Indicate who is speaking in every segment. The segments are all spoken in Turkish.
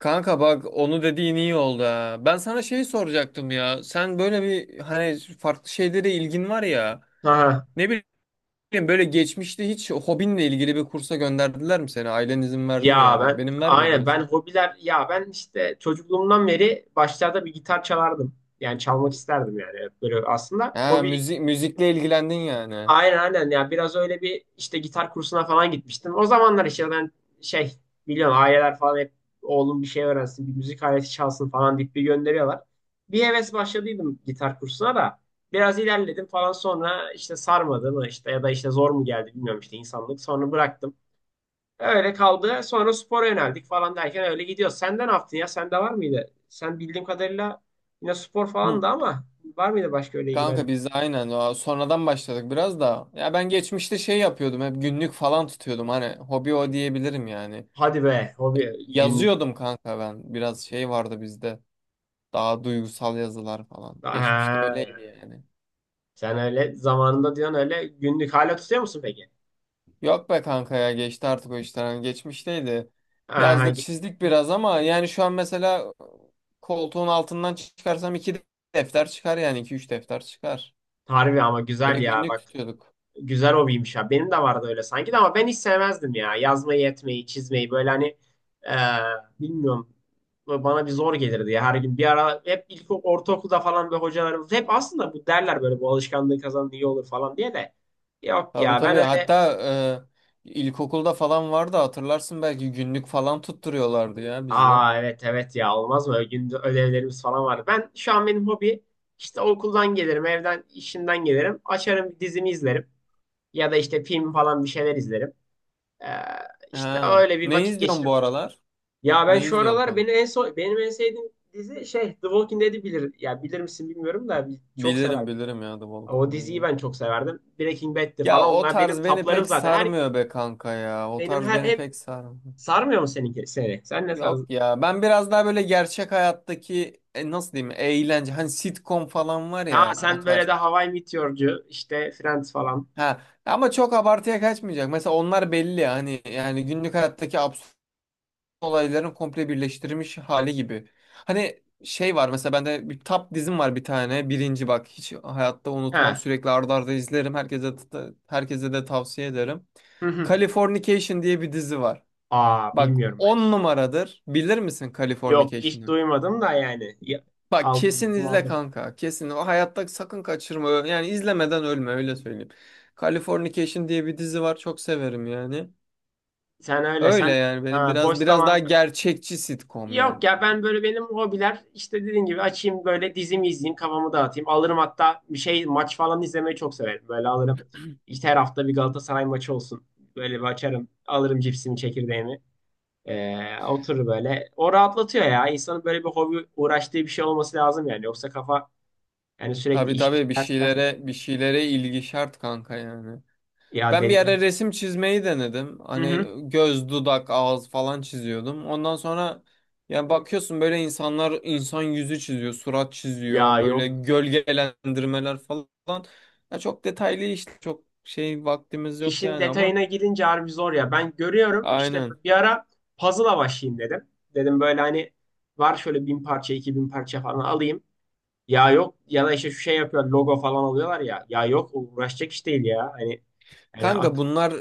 Speaker 1: Kanka bak onu dediğin iyi oldu ha. Ben sana şey soracaktım ya. Sen böyle bir hani farklı şeylere ilgin var ya.
Speaker 2: Aha.
Speaker 1: Ne bileyim böyle geçmişte hiç hobinle ilgili bir kursa gönderdiler mi seni? Ailen izin verdi mi
Speaker 2: Ya
Speaker 1: yani?
Speaker 2: ben
Speaker 1: Benim vermiyordu
Speaker 2: aynen ben
Speaker 1: mesela.
Speaker 2: hobiler ya ben işte çocukluğumdan beri başlarda bir gitar çalardım. Yani çalmak isterdim yani. Hep böyle aslında
Speaker 1: Ha
Speaker 2: hobi
Speaker 1: müzikle ilgilendin yani.
Speaker 2: aynen aynen ya biraz öyle bir işte gitar kursuna falan gitmiştim. O zamanlar işte ben şey biliyorsun aileler falan hep oğlum bir şey öğrensin bir müzik aleti çalsın falan deyip bir gönderiyorlar. Bir heves başladıydım gitar kursuna da biraz ilerledim falan, sonra işte sarmadı mı işte, ya da işte zor mu geldi bilmiyorum, işte insanlık sonra bıraktım. Öyle kaldı. Sonra spora yöneldik falan derken öyle gidiyor. Senden ne yaptın ya? Sende var mıydı? Sen bildiğim kadarıyla yine spor falan
Speaker 1: Hı.
Speaker 2: da, ama var mıydı başka öyle
Speaker 1: Kanka
Speaker 2: ilgilendiğin?
Speaker 1: biz de aynen o sonradan başladık biraz da. Ya ben geçmişte şey yapıyordum hep günlük falan tutuyordum hani hobi o diyebilirim yani.
Speaker 2: Hadi be, hobi günlük.
Speaker 1: Yazıyordum kanka ben. Biraz şey vardı bizde. Daha duygusal yazılar falan. Geçmişte
Speaker 2: Ha,
Speaker 1: öyleydi yani.
Speaker 2: sen öyle zamanında diyorsun, öyle günlük hala tutuyor musun peki?
Speaker 1: Yok be kanka ya geçti artık o işler. Hani geçmişteydi.
Speaker 2: Ha,
Speaker 1: Yazdık çizdik biraz ama yani şu an mesela koltuğun altından çıkarsam iki defter çıkar yani iki üç defter çıkar.
Speaker 2: harbi ama
Speaker 1: Öyle
Speaker 2: güzel ya,
Speaker 1: günlük
Speaker 2: bak.
Speaker 1: tutuyorduk.
Speaker 2: Güzel hobiymiş ya. Benim de vardı öyle sanki de, ama ben hiç sevmezdim ya. Yazmayı, etmeyi, çizmeyi böyle hani eee, bilmiyorum. Böyle bana bir zor gelirdi ya, her gün. Bir ara hep ilk ortaokulda falan böyle hocalarımız hep aslında bu derler, böyle bu alışkanlığı kazanın iyi olur falan diye de. Yok
Speaker 1: Tabii
Speaker 2: ya, ben
Speaker 1: tabii,
Speaker 2: öyle.
Speaker 1: hatta ilkokulda falan vardı hatırlarsın belki günlük falan tutturuyorlardı ya bize.
Speaker 2: Aa, evet evet ya, olmaz mı? Ögünde ödevlerimiz falan vardı. Ben şu an benim hobi işte okuldan gelirim, evden, işimden gelirim. Açarım, bir dizimi izlerim. Ya da işte film falan bir şeyler izlerim. Eee işte
Speaker 1: Ha.
Speaker 2: öyle bir
Speaker 1: Ne
Speaker 2: vakit
Speaker 1: izliyorsun bu
Speaker 2: geçirip.
Speaker 1: aralar?
Speaker 2: Ya ben
Speaker 1: Ne
Speaker 2: şu
Speaker 1: izliyorsun
Speaker 2: aralar
Speaker 1: kanka?
Speaker 2: beni en son benim en sevdiğim dizi şey The Walking Dead'i bilir. Ya bilir misin bilmiyorum da çok
Speaker 1: Bilirim
Speaker 2: severdim.
Speaker 1: bilirim ya The
Speaker 2: O
Speaker 1: Walking
Speaker 2: diziyi
Speaker 1: Dead'i.
Speaker 2: ben çok severdim. Breaking Bad'ti falan,
Speaker 1: Ya o
Speaker 2: onlar benim
Speaker 1: tarz beni
Speaker 2: taplarım
Speaker 1: pek
Speaker 2: zaten. Her
Speaker 1: sarmıyor be kanka ya. O
Speaker 2: benim
Speaker 1: tarz
Speaker 2: her
Speaker 1: beni
Speaker 2: hep
Speaker 1: pek sarmıyor.
Speaker 2: sarmıyor mu seninki seni? Sen ne
Speaker 1: Yok
Speaker 2: tarzı?
Speaker 1: ya. Ben biraz daha böyle gerçek hayattaki nasıl diyeyim eğlence. Hani sitcom falan var
Speaker 2: Ha,
Speaker 1: ya o
Speaker 2: sen böyle
Speaker 1: tarz.
Speaker 2: de Hawaii Meteor'cu işte Friends falan.
Speaker 1: Ha, ama çok abartıya kaçmayacak. Mesela onlar belli ya. Hani yani günlük hayattaki absürt olayların komple birleştirilmiş hali gibi. Hani şey var mesela bende bir tap dizim var bir tane. Birinci bak hiç hayatta unutmam.
Speaker 2: Ha.
Speaker 1: Sürekli arda arda izlerim. Herkese de tavsiye ederim.
Speaker 2: Hı hı.
Speaker 1: Californication diye bir dizi var.
Speaker 2: Aa,
Speaker 1: Bak
Speaker 2: bilmiyorum ben,
Speaker 1: 10
Speaker 2: hiç.
Speaker 1: numaradır. Bilir misin
Speaker 2: Yok, hiç
Speaker 1: Californication'ı?
Speaker 2: duymadım da yani.
Speaker 1: Bak
Speaker 2: Aldım,
Speaker 1: kesin
Speaker 2: notumu
Speaker 1: izle
Speaker 2: aldım.
Speaker 1: kanka. Kesin. O hayatta sakın kaçırma. Yani izlemeden ölme öyle söyleyeyim. Californication diye bir dizi var. Çok severim yani.
Speaker 2: Sen öyle
Speaker 1: Öyle
Speaker 2: sen
Speaker 1: yani benim
Speaker 2: ha, boş
Speaker 1: biraz daha
Speaker 2: zaman.
Speaker 1: gerçekçi sitcom
Speaker 2: Yok
Speaker 1: yani.
Speaker 2: ya, ben böyle benim hobiler işte dediğim gibi, açayım böyle dizimi izleyeyim, kafamı dağıtayım. Alırım, hatta bir şey maç falan izlemeyi çok severim. Böyle alırım işte her hafta bir Galatasaray maçı olsun. Böyle bir açarım, alırım cipsimi, çekirdeğimi. Oturur böyle. O rahatlatıyor ya. İnsanın böyle bir hobi, uğraştığı bir şey olması lazım yani. Yoksa kafa yani, sürekli
Speaker 1: Tabii
Speaker 2: iş iş,
Speaker 1: tabii, bir
Speaker 2: ders ders.
Speaker 1: şeylere bir şeylere ilgi şart kanka yani.
Speaker 2: Ya,
Speaker 1: Ben bir ara
Speaker 2: dediğim.
Speaker 1: resim çizmeyi denedim.
Speaker 2: Hı hı.
Speaker 1: Hani göz, dudak, ağız falan çiziyordum. Ondan sonra yani bakıyorsun böyle insan yüzü çiziyor, surat
Speaker 2: Ya
Speaker 1: çiziyor, böyle
Speaker 2: yok.
Speaker 1: gölgelendirmeler falan. Ya çok detaylı işte çok şey vaktimiz yok
Speaker 2: İşin
Speaker 1: yani ama
Speaker 2: detayına girince harbi zor ya. Ben görüyorum, işte
Speaker 1: aynen.
Speaker 2: bir ara puzzle'a başlayayım dedim. Dedim böyle hani var şöyle 1.000 parça 2.000 parça falan alayım. Ya yok, ya da işte şu şey yapıyor, logo falan alıyorlar ya. Ya yok, uğraşacak iş değil ya. Hani yani
Speaker 1: Kanka
Speaker 2: akıl,
Speaker 1: bunlar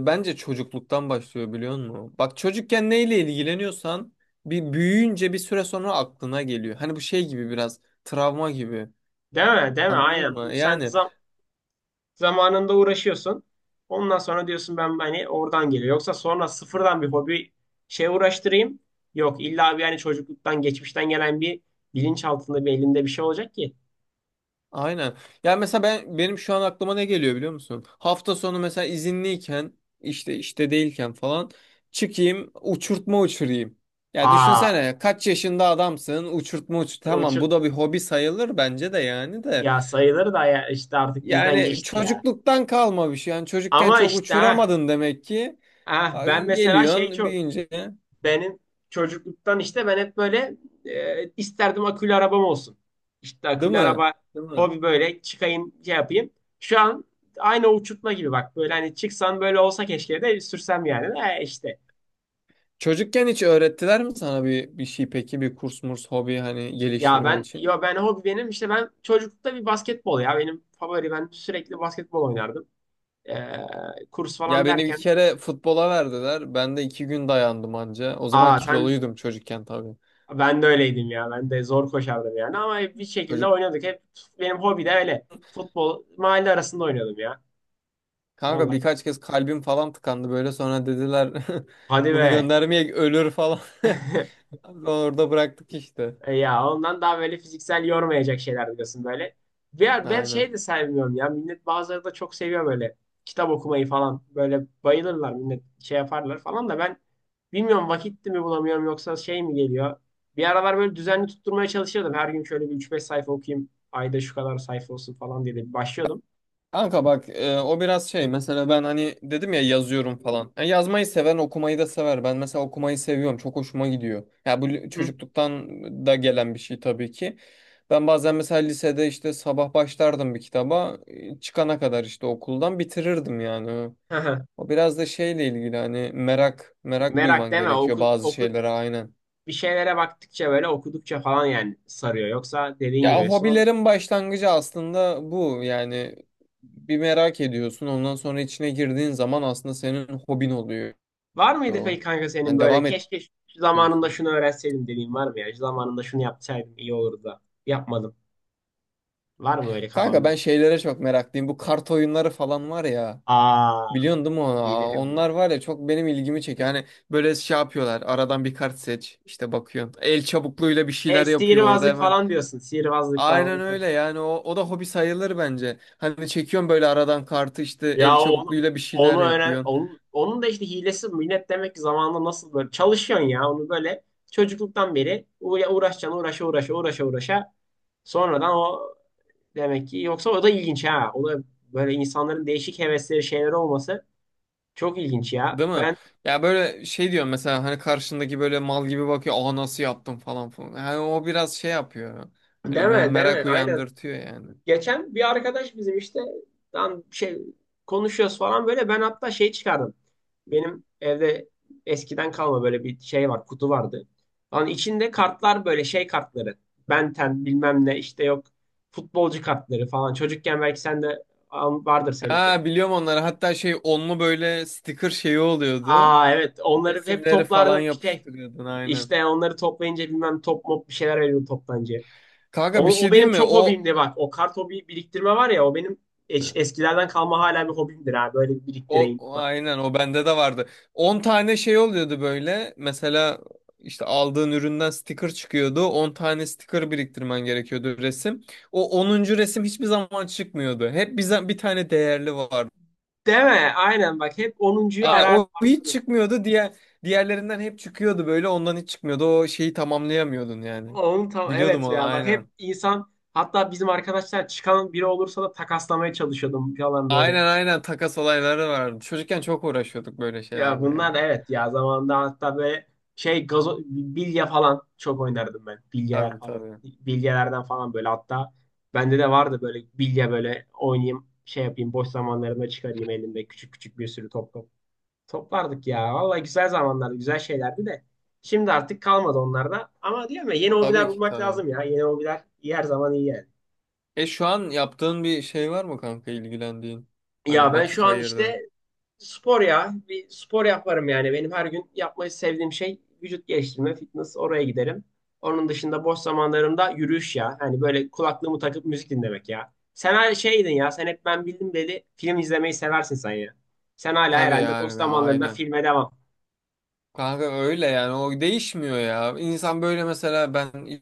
Speaker 1: bence çocukluktan başlıyor biliyor musun? Bak çocukken neyle ilgileniyorsan bir büyüyünce bir süre sonra aklına geliyor. Hani bu şey gibi biraz travma gibi.
Speaker 2: değil mi? Değil mi?
Speaker 1: Anladın
Speaker 2: Aynen.
Speaker 1: mı?
Speaker 2: Bu sen
Speaker 1: Yani.
Speaker 2: zamanında uğraşıyorsun. Ondan sonra diyorsun, ben hani oradan geliyor. Yoksa sonra sıfırdan bir hobi şey uğraştırayım. Yok, illa bir hani çocukluktan, geçmişten gelen bir bilinç altında bir elinde bir şey olacak ki.
Speaker 1: Aynen. Yani mesela benim şu an aklıma ne geliyor biliyor musun? Hafta sonu mesela izinliyken işte değilken falan çıkayım uçurtma uçurayım. Ya
Speaker 2: Aa,
Speaker 1: düşünsene kaç yaşında adamsın uçurtma uçur. Tamam,
Speaker 2: uçuk
Speaker 1: bu da bir hobi sayılır bence de yani de.
Speaker 2: ya, sayıları da ya, işte artık bizden
Speaker 1: Yani
Speaker 2: geçti ya.
Speaker 1: çocukluktan kalma bir şey. Yani çocukken
Speaker 2: Ama
Speaker 1: çok
Speaker 2: işte ha,
Speaker 1: uçuramadın demek ki.
Speaker 2: ha
Speaker 1: Ay,
Speaker 2: ben mesela şey
Speaker 1: geliyorsun
Speaker 2: çok
Speaker 1: büyüyünce,
Speaker 2: benim çocukluktan işte ben hep böyle isterdim akülü arabam olsun. İşte
Speaker 1: değil
Speaker 2: akülü
Speaker 1: mi?
Speaker 2: araba
Speaker 1: Değil mi?
Speaker 2: hobi, böyle çıkayım şey yapayım. Şu an aynı o uçurtma gibi bak, böyle hani çıksan böyle olsa keşke de sürsem yani. E işte
Speaker 1: Çocukken hiç öğrettiler mi sana bir şey peki, bir kurs murs hobi hani
Speaker 2: ya
Speaker 1: geliştirmen
Speaker 2: ben
Speaker 1: için?
Speaker 2: ben hobi benim işte ben çocuklukta bir basketbol ya benim favori ben sürekli basketbol oynardım. E, kurs
Speaker 1: Ya
Speaker 2: falan
Speaker 1: beni bir
Speaker 2: derken.
Speaker 1: kere futbola verdiler. Ben de 2 gün dayandım anca. O zaman
Speaker 2: Aa sen,
Speaker 1: kiloluydum çocukken tabii.
Speaker 2: ben de öyleydim ya. Ben de zor koşardım yani. Ama hep bir şekilde
Speaker 1: Çocuk
Speaker 2: oynadık. Hep benim hobi de öyle. Futbol mahalle arasında oynuyordum ya.
Speaker 1: Kanka
Speaker 2: Vallahi.
Speaker 1: birkaç kez kalbim falan tıkandı böyle. Sonra dediler
Speaker 2: Hadi
Speaker 1: bunu
Speaker 2: be.
Speaker 1: göndermeye ölür falan. Sonra orada bıraktık işte.
Speaker 2: E, ya ondan daha böyle fiziksel yormayacak şeyler diyorsun böyle. Ya ben
Speaker 1: Aynen.
Speaker 2: şey de sevmiyorum ya. Millet, bazıları da çok seviyor böyle kitap okumayı falan. Böyle bayılırlar millet, şey yaparlar falan da, ben bilmiyorum vakit mi bulamıyorum yoksa şey mi geliyor. Bir aralar böyle düzenli tutturmaya çalışıyordum. Her gün şöyle bir üç beş sayfa okuyayım, ayda şu kadar sayfa olsun falan diye de başlıyordum.
Speaker 1: Kanka bak, o biraz şey mesela ben hani dedim ya yazıyorum falan. Yani yazmayı seven okumayı da sever. Ben mesela okumayı seviyorum. Çok hoşuma gidiyor. Ya bu
Speaker 2: Hı.
Speaker 1: çocukluktan da gelen bir şey tabii ki. Ben bazen mesela lisede işte sabah başlardım bir kitaba. Çıkana kadar işte okuldan bitirirdim yani.
Speaker 2: Hı hı.
Speaker 1: O biraz da şeyle ilgili hani merak merak
Speaker 2: Merak
Speaker 1: duyman
Speaker 2: deme,
Speaker 1: gerekiyor
Speaker 2: oku,
Speaker 1: bazı
Speaker 2: oku,
Speaker 1: şeylere, aynen.
Speaker 2: bir şeylere baktıkça böyle okudukça falan yani sarıyor. Yoksa dediğin
Speaker 1: Ya
Speaker 2: gibi son.
Speaker 1: hobilerin başlangıcı aslında bu. Yani bir merak ediyorsun. Ondan sonra içine girdiğin zaman aslında senin hobin oluyor.
Speaker 2: Var mıydı peki kanka senin
Speaker 1: Hani
Speaker 2: böyle
Speaker 1: devam et
Speaker 2: keşke şu zamanında
Speaker 1: diyorsun.
Speaker 2: şunu öğrenseydim dediğin var mı ya? Şu zamanında şunu yapsaydım iyi olurdu da yapmadım. Var mı öyle
Speaker 1: Kanka
Speaker 2: kafanda?
Speaker 1: ben şeylere çok meraklıyım. Bu kart oyunları falan var ya.
Speaker 2: Aa,
Speaker 1: Biliyorsun değil mi onu? Aa,
Speaker 2: bilirim bilirim.
Speaker 1: onlar var ya çok benim ilgimi çekiyor. Hani böyle şey yapıyorlar. Aradan bir kart seç. İşte bakıyorsun. El çabukluğuyla bir
Speaker 2: E,
Speaker 1: şeyler yapıyor orada
Speaker 2: sihirbazlık
Speaker 1: hemen.
Speaker 2: falan diyorsun. Sihirbazlık
Speaker 1: Aynen
Speaker 2: falan.
Speaker 1: öyle yani o da hobi sayılır bence. Hani çekiyorsun böyle aradan kartı, işte el
Speaker 2: Ya onu
Speaker 1: çabukluğuyla bir şeyler
Speaker 2: onu öğren,
Speaker 1: yapıyorsun.
Speaker 2: onun da işte hilesi minnet demek ki, zamanında nasıl böyle çalışıyorsun ya onu böyle çocukluktan beri uğraşacaksın, uğraşa uğraşa uğraşa uğraşa sonradan o demek ki, yoksa o da ilginç ha, o da böyle insanların değişik hevesleri, şeyleri olması çok ilginç ya
Speaker 1: Değil mi?
Speaker 2: ben.
Speaker 1: Ya böyle şey diyorum mesela hani karşındaki böyle mal gibi bakıyor. Aa, nasıl yaptım falan falan. Yani o biraz şey yapıyor. Böyle me-
Speaker 2: Deme deme,
Speaker 1: merak
Speaker 2: aynen.
Speaker 1: uyandırtıyor yani.
Speaker 2: Geçen bir arkadaş bizim işte lan şey konuşuyoruz falan, böyle ben hatta şey çıkardım. Benim evde eskiden kalma böyle bir şey var, kutu vardı. Lan içinde kartlar, böyle şey kartları. Ben Ten bilmem ne işte, yok, futbolcu kartları falan. Çocukken belki sen de vardır senin de.
Speaker 1: Ha, biliyorum onları. Hatta şey onlu böyle sticker şeyi oluyordu.
Speaker 2: Aa, evet, onları hep
Speaker 1: Resimleri falan
Speaker 2: toplardım bir şey.
Speaker 1: yapıştırıyordun, aynen.
Speaker 2: İşte onları toplayınca bilmem top mop bir şeyler veriyordu toptancıya. O,
Speaker 1: Kanka bir
Speaker 2: o
Speaker 1: şey
Speaker 2: benim
Speaker 1: diyeyim mi?
Speaker 2: çok
Speaker 1: O
Speaker 2: hobimdi bak. O kart hobi biriktirme var ya, o benim eskilerden kalma hala bir hobimdir ha. Böyle bir
Speaker 1: O
Speaker 2: biriktireyim.
Speaker 1: o aynen o bende de vardı. 10 tane şey oluyordu böyle. Mesela işte aldığın üründen sticker çıkıyordu. 10 tane sticker biriktirmen gerekiyordu, resim. O onuncu resim hiçbir zaman çıkmıyordu. Hep bize bir tane değerli vardı.
Speaker 2: Değil mi? Aynen, bak hep onuncuyu
Speaker 1: Yani
Speaker 2: arar,
Speaker 1: o hiç
Speaker 2: arardım.
Speaker 1: çıkmıyordu. Diğerlerinden hep çıkıyordu böyle. Ondan hiç çıkmıyordu. O şeyi tamamlayamıyordun yani.
Speaker 2: Onun tam,
Speaker 1: Biliyordum
Speaker 2: evet
Speaker 1: onu,
Speaker 2: ya, bak hep
Speaker 1: aynen.
Speaker 2: insan, hatta bizim arkadaşlar çıkan biri olursa da takaslamaya çalışıyordum falan böyle.
Speaker 1: Aynen aynen, takas olayları vardı. Çocukken çok uğraşıyorduk böyle
Speaker 2: Ya
Speaker 1: şeylerle
Speaker 2: bunlar da
Speaker 1: ya.
Speaker 2: evet ya, zamanında hatta böyle şey gazo, bilye falan çok oynardım ben. Bilyeler
Speaker 1: Tabii
Speaker 2: falan.
Speaker 1: tabii.
Speaker 2: Bilyelerden falan böyle, hatta bende de vardı böyle bilye, böyle oynayayım şey yapayım boş zamanlarımda, çıkarayım elimde küçük küçük bir sürü top top. Toplardık ya. Vallahi güzel zamanlardı, güzel şeylerdi de. Şimdi artık kalmadı onlarda. Ama diyorum ya, yeni
Speaker 1: Tabii
Speaker 2: hobiler
Speaker 1: ki
Speaker 2: bulmak
Speaker 1: tabii.
Speaker 2: lazım ya. Yeni hobiler iyi, her zaman iyi yani.
Speaker 1: E, şu an yaptığın bir şey var mı kanka ilgilendiğin?
Speaker 2: Ya
Speaker 1: Hani
Speaker 2: ben şu
Speaker 1: vakit
Speaker 2: an
Speaker 1: ayırdığın.
Speaker 2: işte spor ya. Bir spor yaparım yani. Benim her gün yapmayı sevdiğim şey vücut geliştirme, fitness, oraya giderim. Onun dışında boş zamanlarımda yürüyüş ya. Hani böyle kulaklığımı takıp müzik dinlemek ya. Sen her şeydin ya. Sen hep ben bildim dedi. Film izlemeyi seversin sen ya. Sen hala
Speaker 1: Tabii
Speaker 2: herhalde boş
Speaker 1: yani ya,
Speaker 2: zamanlarında
Speaker 1: aynen.
Speaker 2: filme devam.
Speaker 1: Kanka öyle yani o değişmiyor ya. İnsan böyle mesela ben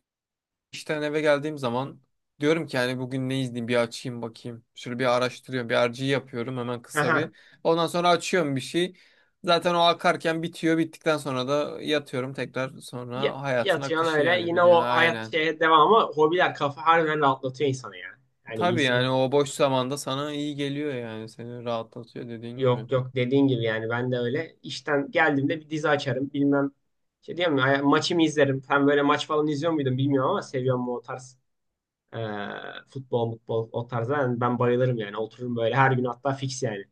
Speaker 1: işten eve geldiğim zaman diyorum ki yani bugün ne izleyeyim bir açayım bakayım. Şöyle bir araştırıyorum, bir RG yapıyorum hemen kısa
Speaker 2: Aha.
Speaker 1: bir. Ondan sonra açıyorum bir şey. Zaten o akarken bitiyor. Bittikten sonra da yatıyorum, tekrar sonra hayatın
Speaker 2: Yatıyorsun
Speaker 1: akışı
Speaker 2: öyle.
Speaker 1: yani,
Speaker 2: Yine
Speaker 1: biliyorsun,
Speaker 2: o hayat
Speaker 1: aynen.
Speaker 2: şeye devam, ama hobiler kafa harbiden rahatlatıyor insanı ya. Yani bir
Speaker 1: Tabii yani
Speaker 2: insanın,
Speaker 1: o boş zamanda sana iyi geliyor yani, seni rahatlatıyor dediğin gibi.
Speaker 2: yok yok, dediğin gibi yani ben de öyle. İşten geldiğimde bir dizi açarım bilmem. Şey diyeyim mi maçımı izlerim. Ben böyle maç falan izliyor muydun bilmiyorum, ama seviyorum mu o tarz e, futbol futbol o tarzda yani ben bayılırım yani, otururum böyle her gün, hatta fix yani.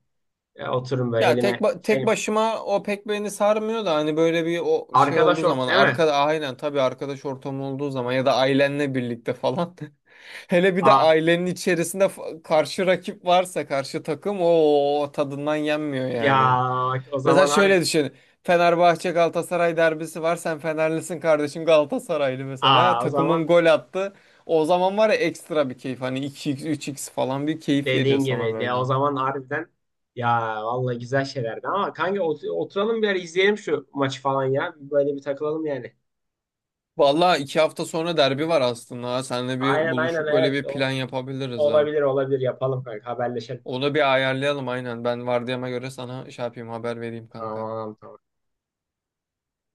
Speaker 2: Otururum böyle
Speaker 1: Ya tek
Speaker 2: elime
Speaker 1: ba- tek
Speaker 2: şey,
Speaker 1: başıma o pek beni sarmıyor da hani böyle bir o şey olduğu
Speaker 2: arkadaş ort
Speaker 1: zaman
Speaker 2: değil mi?
Speaker 1: arkada, aynen tabii, arkadaş ortamı olduğu zaman ya da ailenle birlikte falan. Hele bir de
Speaker 2: Aa,
Speaker 1: ailenin içerisinde karşı rakip varsa karşı takım, o tadından yenmiyor
Speaker 2: ya
Speaker 1: yani.
Speaker 2: o
Speaker 1: Mesela
Speaker 2: zaman harbi,
Speaker 1: şöyle düşün. Fenerbahçe Galatasaray derbisi var. Sen Fenerlisin, kardeşim Galatasaraylı mesela.
Speaker 2: aa, o zaman
Speaker 1: Takımın gol attı. O zaman var ya ekstra bir keyif. Hani iki x üç x falan bir keyif veriyor
Speaker 2: dediğin
Speaker 1: sana
Speaker 2: gibi de, o
Speaker 1: böyle.
Speaker 2: zaman harbiden ya, vallahi güzel şeylerdi ama kanka oturalım bir ara, izleyelim şu maçı falan ya. Böyle bir takılalım yani.
Speaker 1: Vallahi 2 hafta sonra derbi var aslında. Ha. Seninle bir
Speaker 2: Aynen aynen,
Speaker 1: buluşup böyle
Speaker 2: evet.
Speaker 1: bir
Speaker 2: O,
Speaker 1: plan yapabiliriz ha.
Speaker 2: olabilir olabilir, yapalım kanka, haberleşelim.
Speaker 1: Onu bir ayarlayalım, aynen. Ben vardiyama göre sana şey yapayım, haber vereyim kanka.
Speaker 2: Tamam tamam.